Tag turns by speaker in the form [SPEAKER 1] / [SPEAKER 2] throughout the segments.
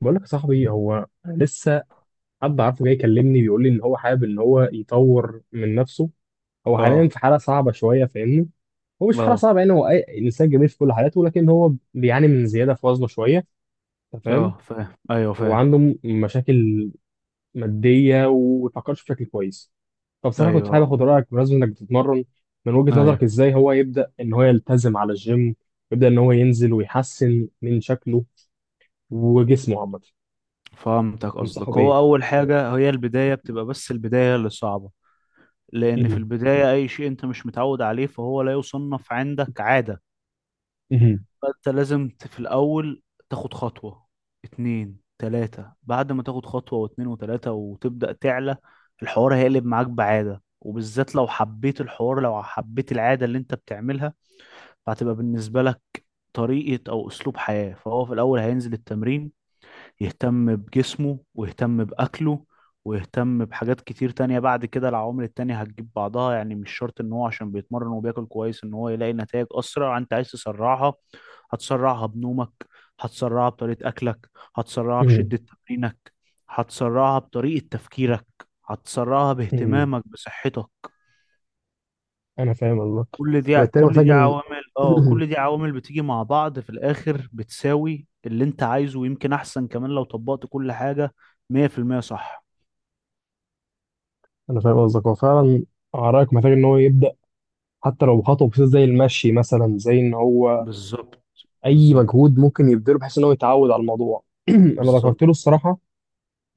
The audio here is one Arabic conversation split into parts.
[SPEAKER 1] بقول لك يا صاحبي، هو لسه حد عارفه جاي يكلمني بيقول لي ان هو حابب ان هو يطور من نفسه. هو حاليا
[SPEAKER 2] اه،
[SPEAKER 1] في حاله صعبه شويه، فاهمني. هو مش في حاله
[SPEAKER 2] اه،
[SPEAKER 1] صعبه يعني، هو اي انسان جميل في كل حالاته، ولكن هو بيعاني من زياده في وزنه شويه. انت فاهم.
[SPEAKER 2] اه، فاهم، ايوه فاهم،
[SPEAKER 1] وعنده مشاكل ماديه وما بيفكرش بشكل كويس. فبصراحه كنت حابب
[SPEAKER 2] ايوه،
[SPEAKER 1] اخد رايك بمناسبه انك بتتمرن. من وجهه نظرك
[SPEAKER 2] ايوه.
[SPEAKER 1] ازاي هو يبدا ان هو يلتزم على الجيم، يبدا ان هو ينزل ويحسن من شكله وجسمه عامه.
[SPEAKER 2] فهمتك
[SPEAKER 1] تنصحه
[SPEAKER 2] قصدك.
[SPEAKER 1] بايه؟
[SPEAKER 2] هو اول حاجه هي البدايه، بتبقى بس البدايه اللي صعبه، لان في البدايه اي شيء انت مش متعود عليه فهو لا يصنف عندك عاده. فانت لازم في الاول تاخد خطوه، اتنين، تلاته. بعد ما تاخد خطوه واتنين وتلاته وتبدا تعلى، الحوار هيقلب معاك بعاده، وبالذات لو حبيت الحوار، لو حبيت العاده اللي انت بتعملها، فهتبقى بالنسبة لك طريقة أو أسلوب حياة. فهو في الأول هينزل التمرين، يهتم بجسمه ويهتم بأكله ويهتم بحاجات كتير تانية. بعد كده العوامل التانية هتجيب بعضها. يعني مش شرط إن هو عشان بيتمرن وبياكل كويس إن هو يلاقي نتائج أسرع. أنت عايز تسرعها؟ هتسرعها بنومك، هتسرعها بطريقة أكلك، هتسرعها بشدة تمرينك، هتسرعها بطريقة تفكيرك، هتسرعها
[SPEAKER 1] امم
[SPEAKER 2] باهتمامك بصحتك.
[SPEAKER 1] انا فاهم قصدك.
[SPEAKER 2] كل دي
[SPEAKER 1] وبالتالي
[SPEAKER 2] كل
[SPEAKER 1] محتاج
[SPEAKER 2] دي
[SPEAKER 1] ان
[SPEAKER 2] عوامل، بتيجي مع بعض في الاخر بتساوي اللي انت عايزه، ويمكن احسن كمان لو طبقت كل حاجة. 100% صح.
[SPEAKER 1] انا فاهم قصدك، هو فعلا عراك محتاج ان هو يبدا حتى لو بخطوه بسيطه زي المشي مثلا، زي ان هو
[SPEAKER 2] بالظبط،
[SPEAKER 1] اي
[SPEAKER 2] بالظبط،
[SPEAKER 1] مجهود ممكن يبذله بحيث ان هو يتعود على الموضوع. انا
[SPEAKER 2] بالظبط.
[SPEAKER 1] ذكرت له الصراحه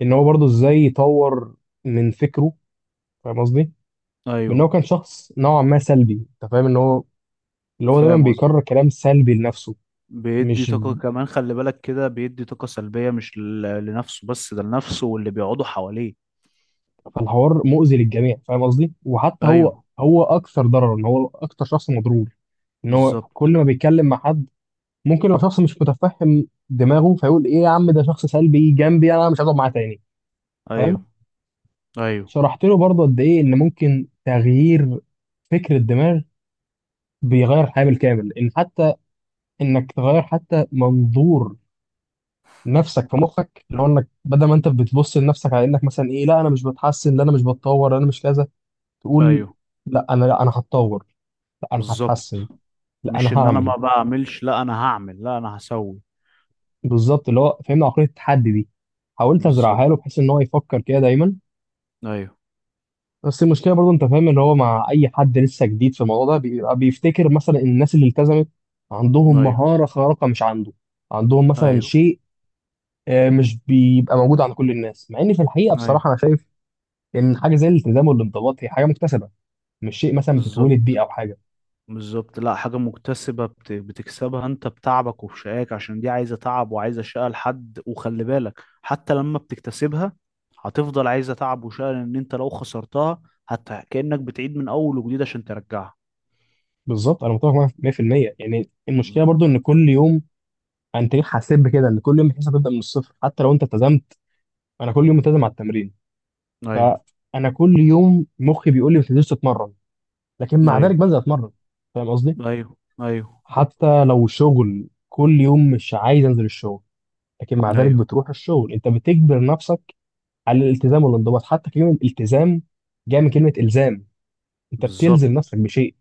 [SPEAKER 1] ان هو برضه ازاي يطور من فكره، فاهم قصدي، بان هو
[SPEAKER 2] ايوه
[SPEAKER 1] كان شخص نوعا ما سلبي. انت فاهم ان هو اللي هو دايما
[SPEAKER 2] فاهم قصدي.
[SPEAKER 1] بيكرر كلام سلبي لنفسه.
[SPEAKER 2] بيدي
[SPEAKER 1] مش
[SPEAKER 2] طاقة كمان، خلي بالك كده بيدي طاقة سلبية، مش لنفسه بس، ده لنفسه واللي بيقعدوا حواليه.
[SPEAKER 1] فالحوار مؤذي للجميع، فاهم قصدي، وحتى هو
[SPEAKER 2] ايوه،
[SPEAKER 1] هو اكثر ضررا، هو اكثر شخص مضروب ان هو
[SPEAKER 2] بالظبط،
[SPEAKER 1] كل ما بيتكلم مع حد ممكن لو شخص مش متفهم دماغه فيقول ايه يا عم، ده شخص سلبي جنبي، انا مش هقعد معاه تاني.
[SPEAKER 2] ايوه،
[SPEAKER 1] فاهم.
[SPEAKER 2] ايوه،
[SPEAKER 1] شرحت له برضه قد ايه ان ممكن تغيير فكر الدماغ بيغير الحياه بالكامل، ان حتى انك تغير حتى منظور نفسك في مخك، اللي هو انك بدل ما انت بتبص لنفسك على انك مثلا ايه، لا انا مش بتحسن، لا انا مش بتطور، لا انا مش كذا، تقول
[SPEAKER 2] ايوه،
[SPEAKER 1] لا انا هتطور، لا انا هتحسن،
[SPEAKER 2] بالظبط.
[SPEAKER 1] لا
[SPEAKER 2] مش
[SPEAKER 1] انا
[SPEAKER 2] ان انا
[SPEAKER 1] هعمل.
[SPEAKER 2] ما بعملش، لا انا هعمل، لا انا هسوي.
[SPEAKER 1] بالظبط، اللي هو فهمنا عقليه التحدي دي، حاولت
[SPEAKER 2] بالظبط،
[SPEAKER 1] ازرعها له بحيث ان هو يفكر كده دايما.
[SPEAKER 2] ايوه،
[SPEAKER 1] بس المشكله برضو، انت فاهم، ان هو مع اي حد لسه جديد في الموضوع ده بيبقى بيفتكر مثلا الناس اللي التزمت عندهم
[SPEAKER 2] ايوه،
[SPEAKER 1] مهاره خارقه مش عنده، عندهم مثلا
[SPEAKER 2] ايوه،
[SPEAKER 1] شيء مش بيبقى موجود عند كل الناس، مع ان في الحقيقه
[SPEAKER 2] ايوه،
[SPEAKER 1] بصراحه انا شايف ان حاجه زي الالتزام والانضباط هي حاجه مكتسبه، مش شيء مثلا بتتولد بيه
[SPEAKER 2] بالظبط،
[SPEAKER 1] او حاجه.
[SPEAKER 2] بالظبط. لا، حاجة مكتسبة بتكسبها انت بتعبك وبشقاك، عشان دي عايزة تعب وعايزة شقة لحد. وخلي بالك حتى لما بتكتسبها هتفضل عايزة تعب وشقة، لان انت لو خسرتها حتى كأنك بتعيد من اول وجديد عشان ترجعها.
[SPEAKER 1] بالظبط، انا متفق معاك 100%. يعني المشكله
[SPEAKER 2] بالظبط.
[SPEAKER 1] برضو ان كل يوم، انت ليه حاسب كده ان كل يوم بتحس هتبدا من الصفر حتى لو انت التزمت؟ انا كل يوم ملتزم على التمرين،
[SPEAKER 2] ايوه،
[SPEAKER 1] فانا كل يوم مخي بيقول لي ما تنزلش تتمرن، لكن مع ذلك
[SPEAKER 2] ايوه،
[SPEAKER 1] بنزل اتمرن. فاهم قصدي.
[SPEAKER 2] ايوه، ايوه،
[SPEAKER 1] حتى لو شغل كل يوم مش عايز انزل الشغل، لكن مع ذلك
[SPEAKER 2] ايوه،
[SPEAKER 1] بتروح الشغل، انت بتجبر نفسك على الالتزام والانضباط. حتى كلمه التزام جايه من كلمه الزام، انت بتلزم
[SPEAKER 2] بالظبط،
[SPEAKER 1] نفسك بشيء.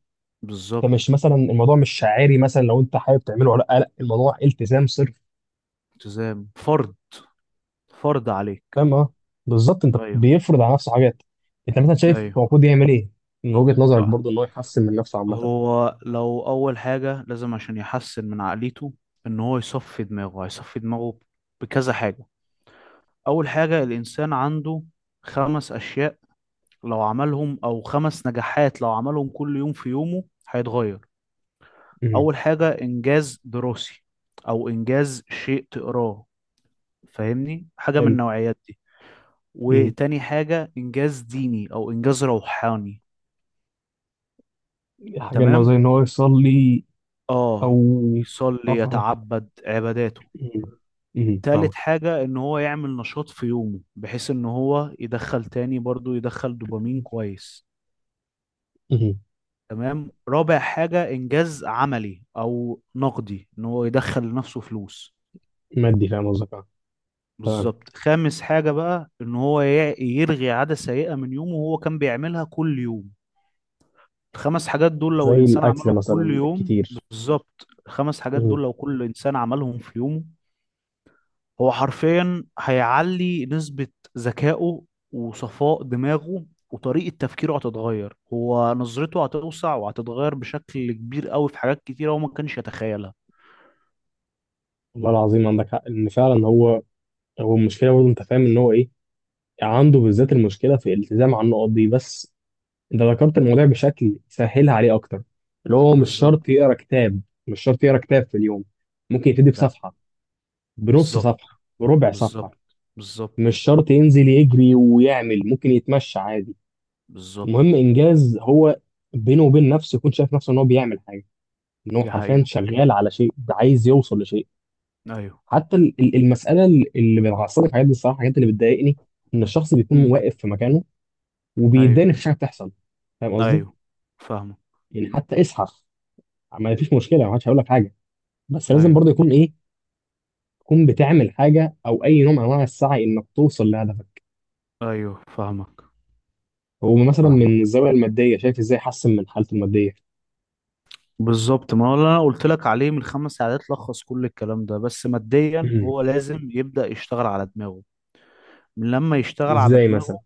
[SPEAKER 1] انت مش
[SPEAKER 2] بالظبط،
[SPEAKER 1] مثلا، الموضوع مش شعاري مثلا لو انت حابب تعمله ولا لا، لا، الموضوع التزام صرف.
[SPEAKER 2] التزام فرض، فرض عليك.
[SPEAKER 1] فاهم، اه، بالظبط، انت
[SPEAKER 2] ايوه،
[SPEAKER 1] بيفرض على نفسه حاجات. انت مثلا شايف هو
[SPEAKER 2] ايوه.
[SPEAKER 1] المفروض يعمل ايه من وجهة نظرك
[SPEAKER 2] اه،
[SPEAKER 1] برضو، ان هو يحسن من نفسه عامه؟
[SPEAKER 2] هو لو أول حاجة لازم عشان يحسن من عقليته إن هو يصفي دماغه. هيصفي دماغه بكذا حاجة. أول حاجة الإنسان عنده خمس أشياء لو عملهم، أو خمس نجاحات لو عملهم كل يوم في يومه هيتغير.
[SPEAKER 1] مم.
[SPEAKER 2] أول حاجة إنجاز دراسي، أو إنجاز شيء تقراه، فاهمني حاجة من
[SPEAKER 1] حلو.
[SPEAKER 2] النوعيات دي. وتاني حاجة إنجاز ديني أو إنجاز روحاني،
[SPEAKER 1] حاجة إن هو
[SPEAKER 2] تمام،
[SPEAKER 1] زي إن هو يصلي أو.
[SPEAKER 2] آه،
[SPEAKER 1] أه
[SPEAKER 2] يصلي
[SPEAKER 1] فاهمك.
[SPEAKER 2] يتعبد عباداته.
[SPEAKER 1] مم. مم. فاهمك.
[SPEAKER 2] تالت حاجة إن هو يعمل نشاط في يومه بحيث إن هو يدخل تاني برضو يدخل دوبامين كويس.
[SPEAKER 1] مم.
[SPEAKER 2] تمام، رابع حاجة إنجاز عملي أو نقدي، إن هو يدخل لنفسه فلوس.
[SPEAKER 1] مادي، فاهم قصدك، أه. تمام.
[SPEAKER 2] بالظبط. خامس حاجة بقى إن هو يلغي عادة سيئة من يومه وهو كان بيعملها كل يوم. الخمس حاجات دول لو
[SPEAKER 1] زي
[SPEAKER 2] الإنسان
[SPEAKER 1] الأكل
[SPEAKER 2] عملهم كل
[SPEAKER 1] مثلا
[SPEAKER 2] يوم
[SPEAKER 1] الكتير.
[SPEAKER 2] بالظبط، الخمس حاجات
[SPEAKER 1] مم.
[SPEAKER 2] دول لو كل إنسان عملهم في يومه، هو حرفيا هيعلي نسبة ذكائه وصفاء دماغه، وطريقة تفكيره هتتغير، هو نظرته هتوسع وهتتغير بشكل كبير قوي في حاجات كتيرة هو ما كانش يتخيلها.
[SPEAKER 1] والله العظيم عندك حق. إن فعلا هو، هو المشكلة برضه، أنت فاهم إن هو إيه، عنده بالذات المشكلة في الالتزام على النقط دي بس. أنت ذكرت الموضوع بشكل سهلها عليه أكتر، اللي هو مش
[SPEAKER 2] بالظبط،
[SPEAKER 1] شرط يقرا كتاب، مش شرط يقرا كتاب في اليوم، ممكن يبتدي
[SPEAKER 2] ده
[SPEAKER 1] بصفحة، بنص
[SPEAKER 2] بالظبط،
[SPEAKER 1] صفحة، بربع صفحة.
[SPEAKER 2] بالظبط،
[SPEAKER 1] مش
[SPEAKER 2] بالظبط،
[SPEAKER 1] شرط ينزل يجري ويعمل، ممكن يتمشى عادي. المهم
[SPEAKER 2] بالظبط،
[SPEAKER 1] انجاز، هو بينه وبين نفسه يكون شايف نفسه ان هو بيعمل حاجه، ان هو
[SPEAKER 2] دي
[SPEAKER 1] حرفيا
[SPEAKER 2] حقيقة.
[SPEAKER 1] شغال على شيء عايز يوصل لشيء.
[SPEAKER 2] ايوه،
[SPEAKER 1] حتى المساله اللي بتعصبني في الحاجات دي الصراحه، الحاجات اللي بتضايقني ان الشخص بيكون
[SPEAKER 2] امم،
[SPEAKER 1] واقف في مكانه وبيتضايق إن
[SPEAKER 2] ايوه،
[SPEAKER 1] مفيش حاجه بتحصل. فاهم قصدي.
[SPEAKER 2] ايوه، فاهمك،
[SPEAKER 1] يعني حتى اسحف، ما فيش مشكله، ما حدش هيقول لك حاجه، بس لازم
[SPEAKER 2] ايوه،
[SPEAKER 1] برضه يكون ايه، تكون بتعمل حاجه او اي نوع من انواع السعي انك توصل لهدفك.
[SPEAKER 2] ايوه، فاهمك،
[SPEAKER 1] هو مثلا
[SPEAKER 2] فاهمك.
[SPEAKER 1] من الزاويه الماديه شايف ازاي يحسن من حالته الماديه؟
[SPEAKER 2] بالظبط، ما هو اللي انا قلت لك عليه من خمس ساعات لخص كل الكلام ده. بس ماديا،
[SPEAKER 1] مم.
[SPEAKER 2] هو لازم يبدأ يشتغل على دماغه. من لما يشتغل على
[SPEAKER 1] ازاي مثلا؟
[SPEAKER 2] دماغه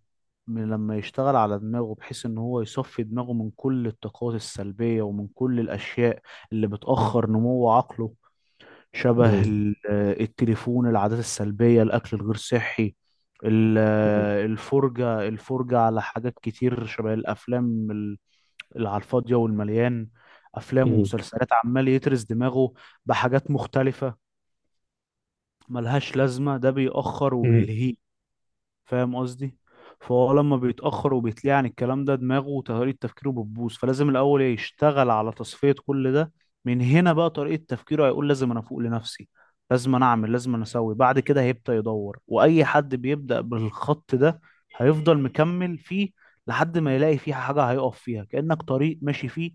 [SPEAKER 2] من لما يشتغل على دماغه بحيث ان هو يصفي دماغه من كل الطاقات السلبية ومن كل الاشياء اللي بتأخر نمو عقله.
[SPEAKER 1] مم.
[SPEAKER 2] شبه التليفون، العادات السلبية، الاكل الغير صحي، الفرجة، الفرجة على حاجات كتير شبه الافلام، اللي على الفاضية والمليان. افلام
[SPEAKER 1] مم.
[SPEAKER 2] ومسلسلات عمال يترس دماغه بحاجات مختلفة ملهاش لازمة. ده بيأخر
[SPEAKER 1] مم.
[SPEAKER 2] وبيلهيه، فاهم قصدي. فهو لما بيتأخر وبيتليه عن الكلام ده، دماغه وطريقة تفكيره بتبوظ. فلازم الأول يشتغل على تصفية كل ده. من هنا بقى طريقة تفكيره هيقول لازم أنا أفوق لنفسي، لازم أنا أعمل، لازم أنا أسوي. بعد كده هيبدأ يدور، وأي حد بيبدأ بالخط ده هيفضل مكمل فيه لحد ما يلاقي فيه حاجة هيقف فيها. كأنك طريق ماشي فيه،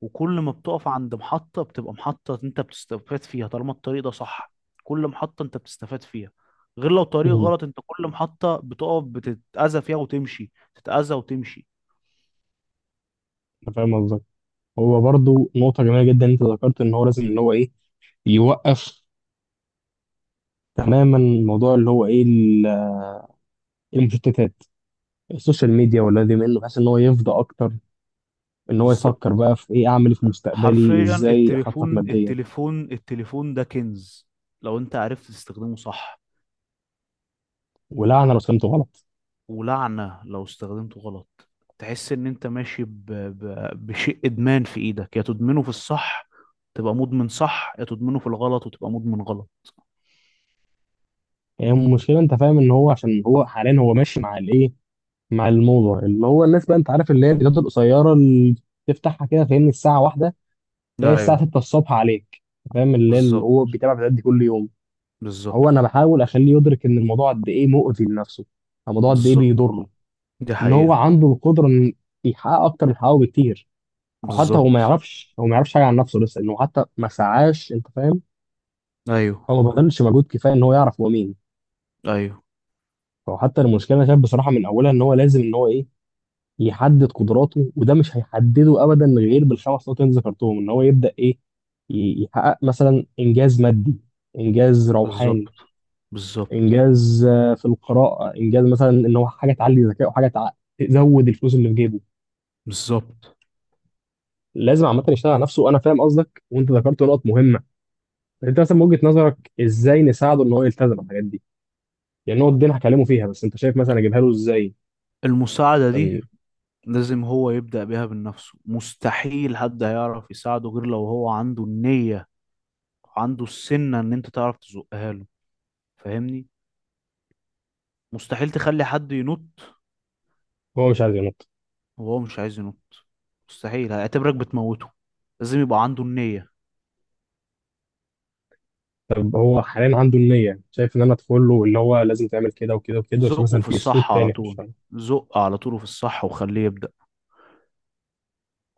[SPEAKER 2] وكل ما بتقف عند محطة بتبقى محطة انت بتستفاد فيها، طالما الطريق ده صح كل محطة انت بتستفاد فيها. غير لو طريق
[SPEAKER 1] امم
[SPEAKER 2] غلط، انت كل محطة بتقف بتتأذى فيها وتمشي، تتأذى وتمشي.
[SPEAKER 1] انا فاهم قصدك. هو برضو نقطة جميلة جدا، انت ذكرت ان هو لازم ان هو ايه، يوقف تماما موضوع اللي هو ايه المشتتات، السوشيال ميديا ولا دي منه، بحيث ان هو يفضى اكتر، ان هو يفكر
[SPEAKER 2] بالظبط،
[SPEAKER 1] بقى في ايه اعمل إيه في مستقبلي،
[SPEAKER 2] حرفيا،
[SPEAKER 1] ازاي اخطط
[SPEAKER 2] التليفون،
[SPEAKER 1] ماديا.
[SPEAKER 2] التليفون، التليفون ده كنز لو انت عرفت تستخدمه صح،
[SPEAKER 1] ولعنة لو فهمته غلط.
[SPEAKER 2] ولعنة لو استخدمته غلط. تحس ان انت ماشي بشيء ادمان في ايدك، يا تدمنه في الصح تبقى مدمن صح، يا تدمنه في الغلط وتبقى مدمن غلط.
[SPEAKER 1] يعني المشكلة، انت فاهم ان هو، عشان هو حاليا هو ماشي مع الايه، مع الموضة، اللي هو الناس بقى، انت عارف، اللي هي الفيديوهات القصيرة اللي تفتحها كده، فاهمني، الساعة واحدة تلاقي الساعة
[SPEAKER 2] ايوه،
[SPEAKER 1] 6 الصبح عليك. فاهم؟ اللي
[SPEAKER 2] بالظبط،
[SPEAKER 1] هو بيتابع الفيديوهات دي كل يوم.
[SPEAKER 2] بالظبط،
[SPEAKER 1] هو انا بحاول اخليه يدرك ان الموضوع قد ايه مؤذي لنفسه، الموضوع قد ايه
[SPEAKER 2] بالظبط،
[SPEAKER 1] بيضره،
[SPEAKER 2] دي
[SPEAKER 1] ان هو
[SPEAKER 2] حقيقة،
[SPEAKER 1] عنده القدره ان يحقق اكتر من حققه بكتير. او حتى هو ما
[SPEAKER 2] بالظبط،
[SPEAKER 1] يعرفش، هو ما يعرفش حاجه عن نفسه لسه، انه حتى ما سعاش، انت فاهم،
[SPEAKER 2] ايوه،
[SPEAKER 1] هو ما بذلش مجهود كفايه ان هو يعرف هو مين.
[SPEAKER 2] ايوه،
[SPEAKER 1] فهو حتى المشكله انا شايف بصراحه من اولها ان هو لازم ان هو ايه، يحدد قدراته. وده مش هيحدده ابدا غير بالخمس نقط اللي أنت ذكرتهم، ان هو يبدا ايه، يحقق مثلا انجاز مادي، انجاز روحاني،
[SPEAKER 2] بالظبط، بالظبط،
[SPEAKER 1] انجاز في القراءه، انجاز مثلا ان هو حاجه تعلي ذكائه وحاجه تزود الفلوس اللي في جيبه.
[SPEAKER 2] بالظبط.
[SPEAKER 1] لازم عامه يشتغل على نفسه، وانا فاهم قصدك، وانت ذكرت نقط مهمه. انت مثلا من وجهه نظرك ازاي نساعده ان هو يلتزم الحاجات دي؟ يعني النقط دي انا هكلمه فيها، بس انت شايف مثلا اجيبها له ازاي
[SPEAKER 2] المساعدة دي
[SPEAKER 1] عشان
[SPEAKER 2] لازم هو يبدأ بيها من نفسه. مستحيل حد هيعرف يساعده غير لو هو عنده النية، وعنده السنة ان انت تعرف تزقها له، فاهمني. مستحيل تخلي حد ينط
[SPEAKER 1] هو مش عايز ينط؟
[SPEAKER 2] وهو مش عايز ينط، مستحيل، هيعتبرك بتموته. لازم يبقى عنده النية.
[SPEAKER 1] طب هو حاليا عنده النيه، شايف ان انا ادخل له اللي هو لازم تعمل كده وكده وكده، عشان
[SPEAKER 2] زقه
[SPEAKER 1] مثلا
[SPEAKER 2] في
[SPEAKER 1] في اسلوب
[SPEAKER 2] الصح على
[SPEAKER 1] تاني في
[SPEAKER 2] طول،
[SPEAKER 1] الشغل؟
[SPEAKER 2] زق على طول في الصح وخليه يبدأ.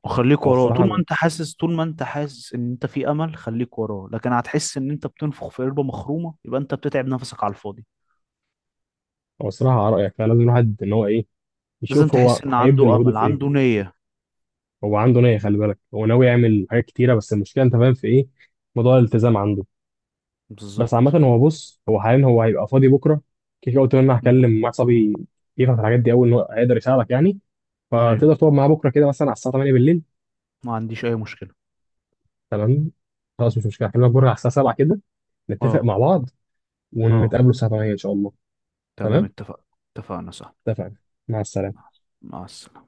[SPEAKER 2] خليك
[SPEAKER 1] او
[SPEAKER 2] وراه
[SPEAKER 1] الصراحه
[SPEAKER 2] طول ما
[SPEAKER 1] انا،
[SPEAKER 2] انت حاسس، طول ما انت حاسس ان انت في امل خليك وراه. لكن هتحس ان انت بتنفخ في قربة مخرومة، يبقى انت بتتعب نفسك على الفاضي.
[SPEAKER 1] او الصراحه على رايك، فلازم الواحد ان هو ايه،
[SPEAKER 2] لازم
[SPEAKER 1] يشوف هو
[SPEAKER 2] تحس ان
[SPEAKER 1] هيبذل
[SPEAKER 2] عنده
[SPEAKER 1] مجهوده
[SPEAKER 2] امل،
[SPEAKER 1] في ايه.
[SPEAKER 2] عنده نية.
[SPEAKER 1] هو عنده نية، خلي بالك، هو ناوي يعمل حاجات كتيرة، بس المشكلة انت فاهم في ايه، موضوع الالتزام عنده. بس
[SPEAKER 2] بالظبط.
[SPEAKER 1] عامة هو بص، هو حاليا هو هيبقى فاضي بكرة، كده كده قلت له ان انا
[SPEAKER 2] م.
[SPEAKER 1] هكلم مع صبي يفهم في الحاجات دي اول ان هو هيقدر يساعدك يعني.
[SPEAKER 2] ايوه،
[SPEAKER 1] فتقدر تقعد معاه بكرة كده مثلا على الساعة 8 بالليل؟
[SPEAKER 2] ما عنديش اي مشكلة.
[SPEAKER 1] تمام. خلاص مش مشكلة، هكلمك بكرة على الساعة 7 كده، نتفق
[SPEAKER 2] اه،
[SPEAKER 1] مع بعض،
[SPEAKER 2] اه،
[SPEAKER 1] ونتقابلوا الساعة 8 ان شاء الله.
[SPEAKER 2] تمام،
[SPEAKER 1] تمام.
[SPEAKER 2] اتفق. اتفقنا صح.
[SPEAKER 1] اتفقنا. مع السلامة.
[SPEAKER 2] مع مع السلامة.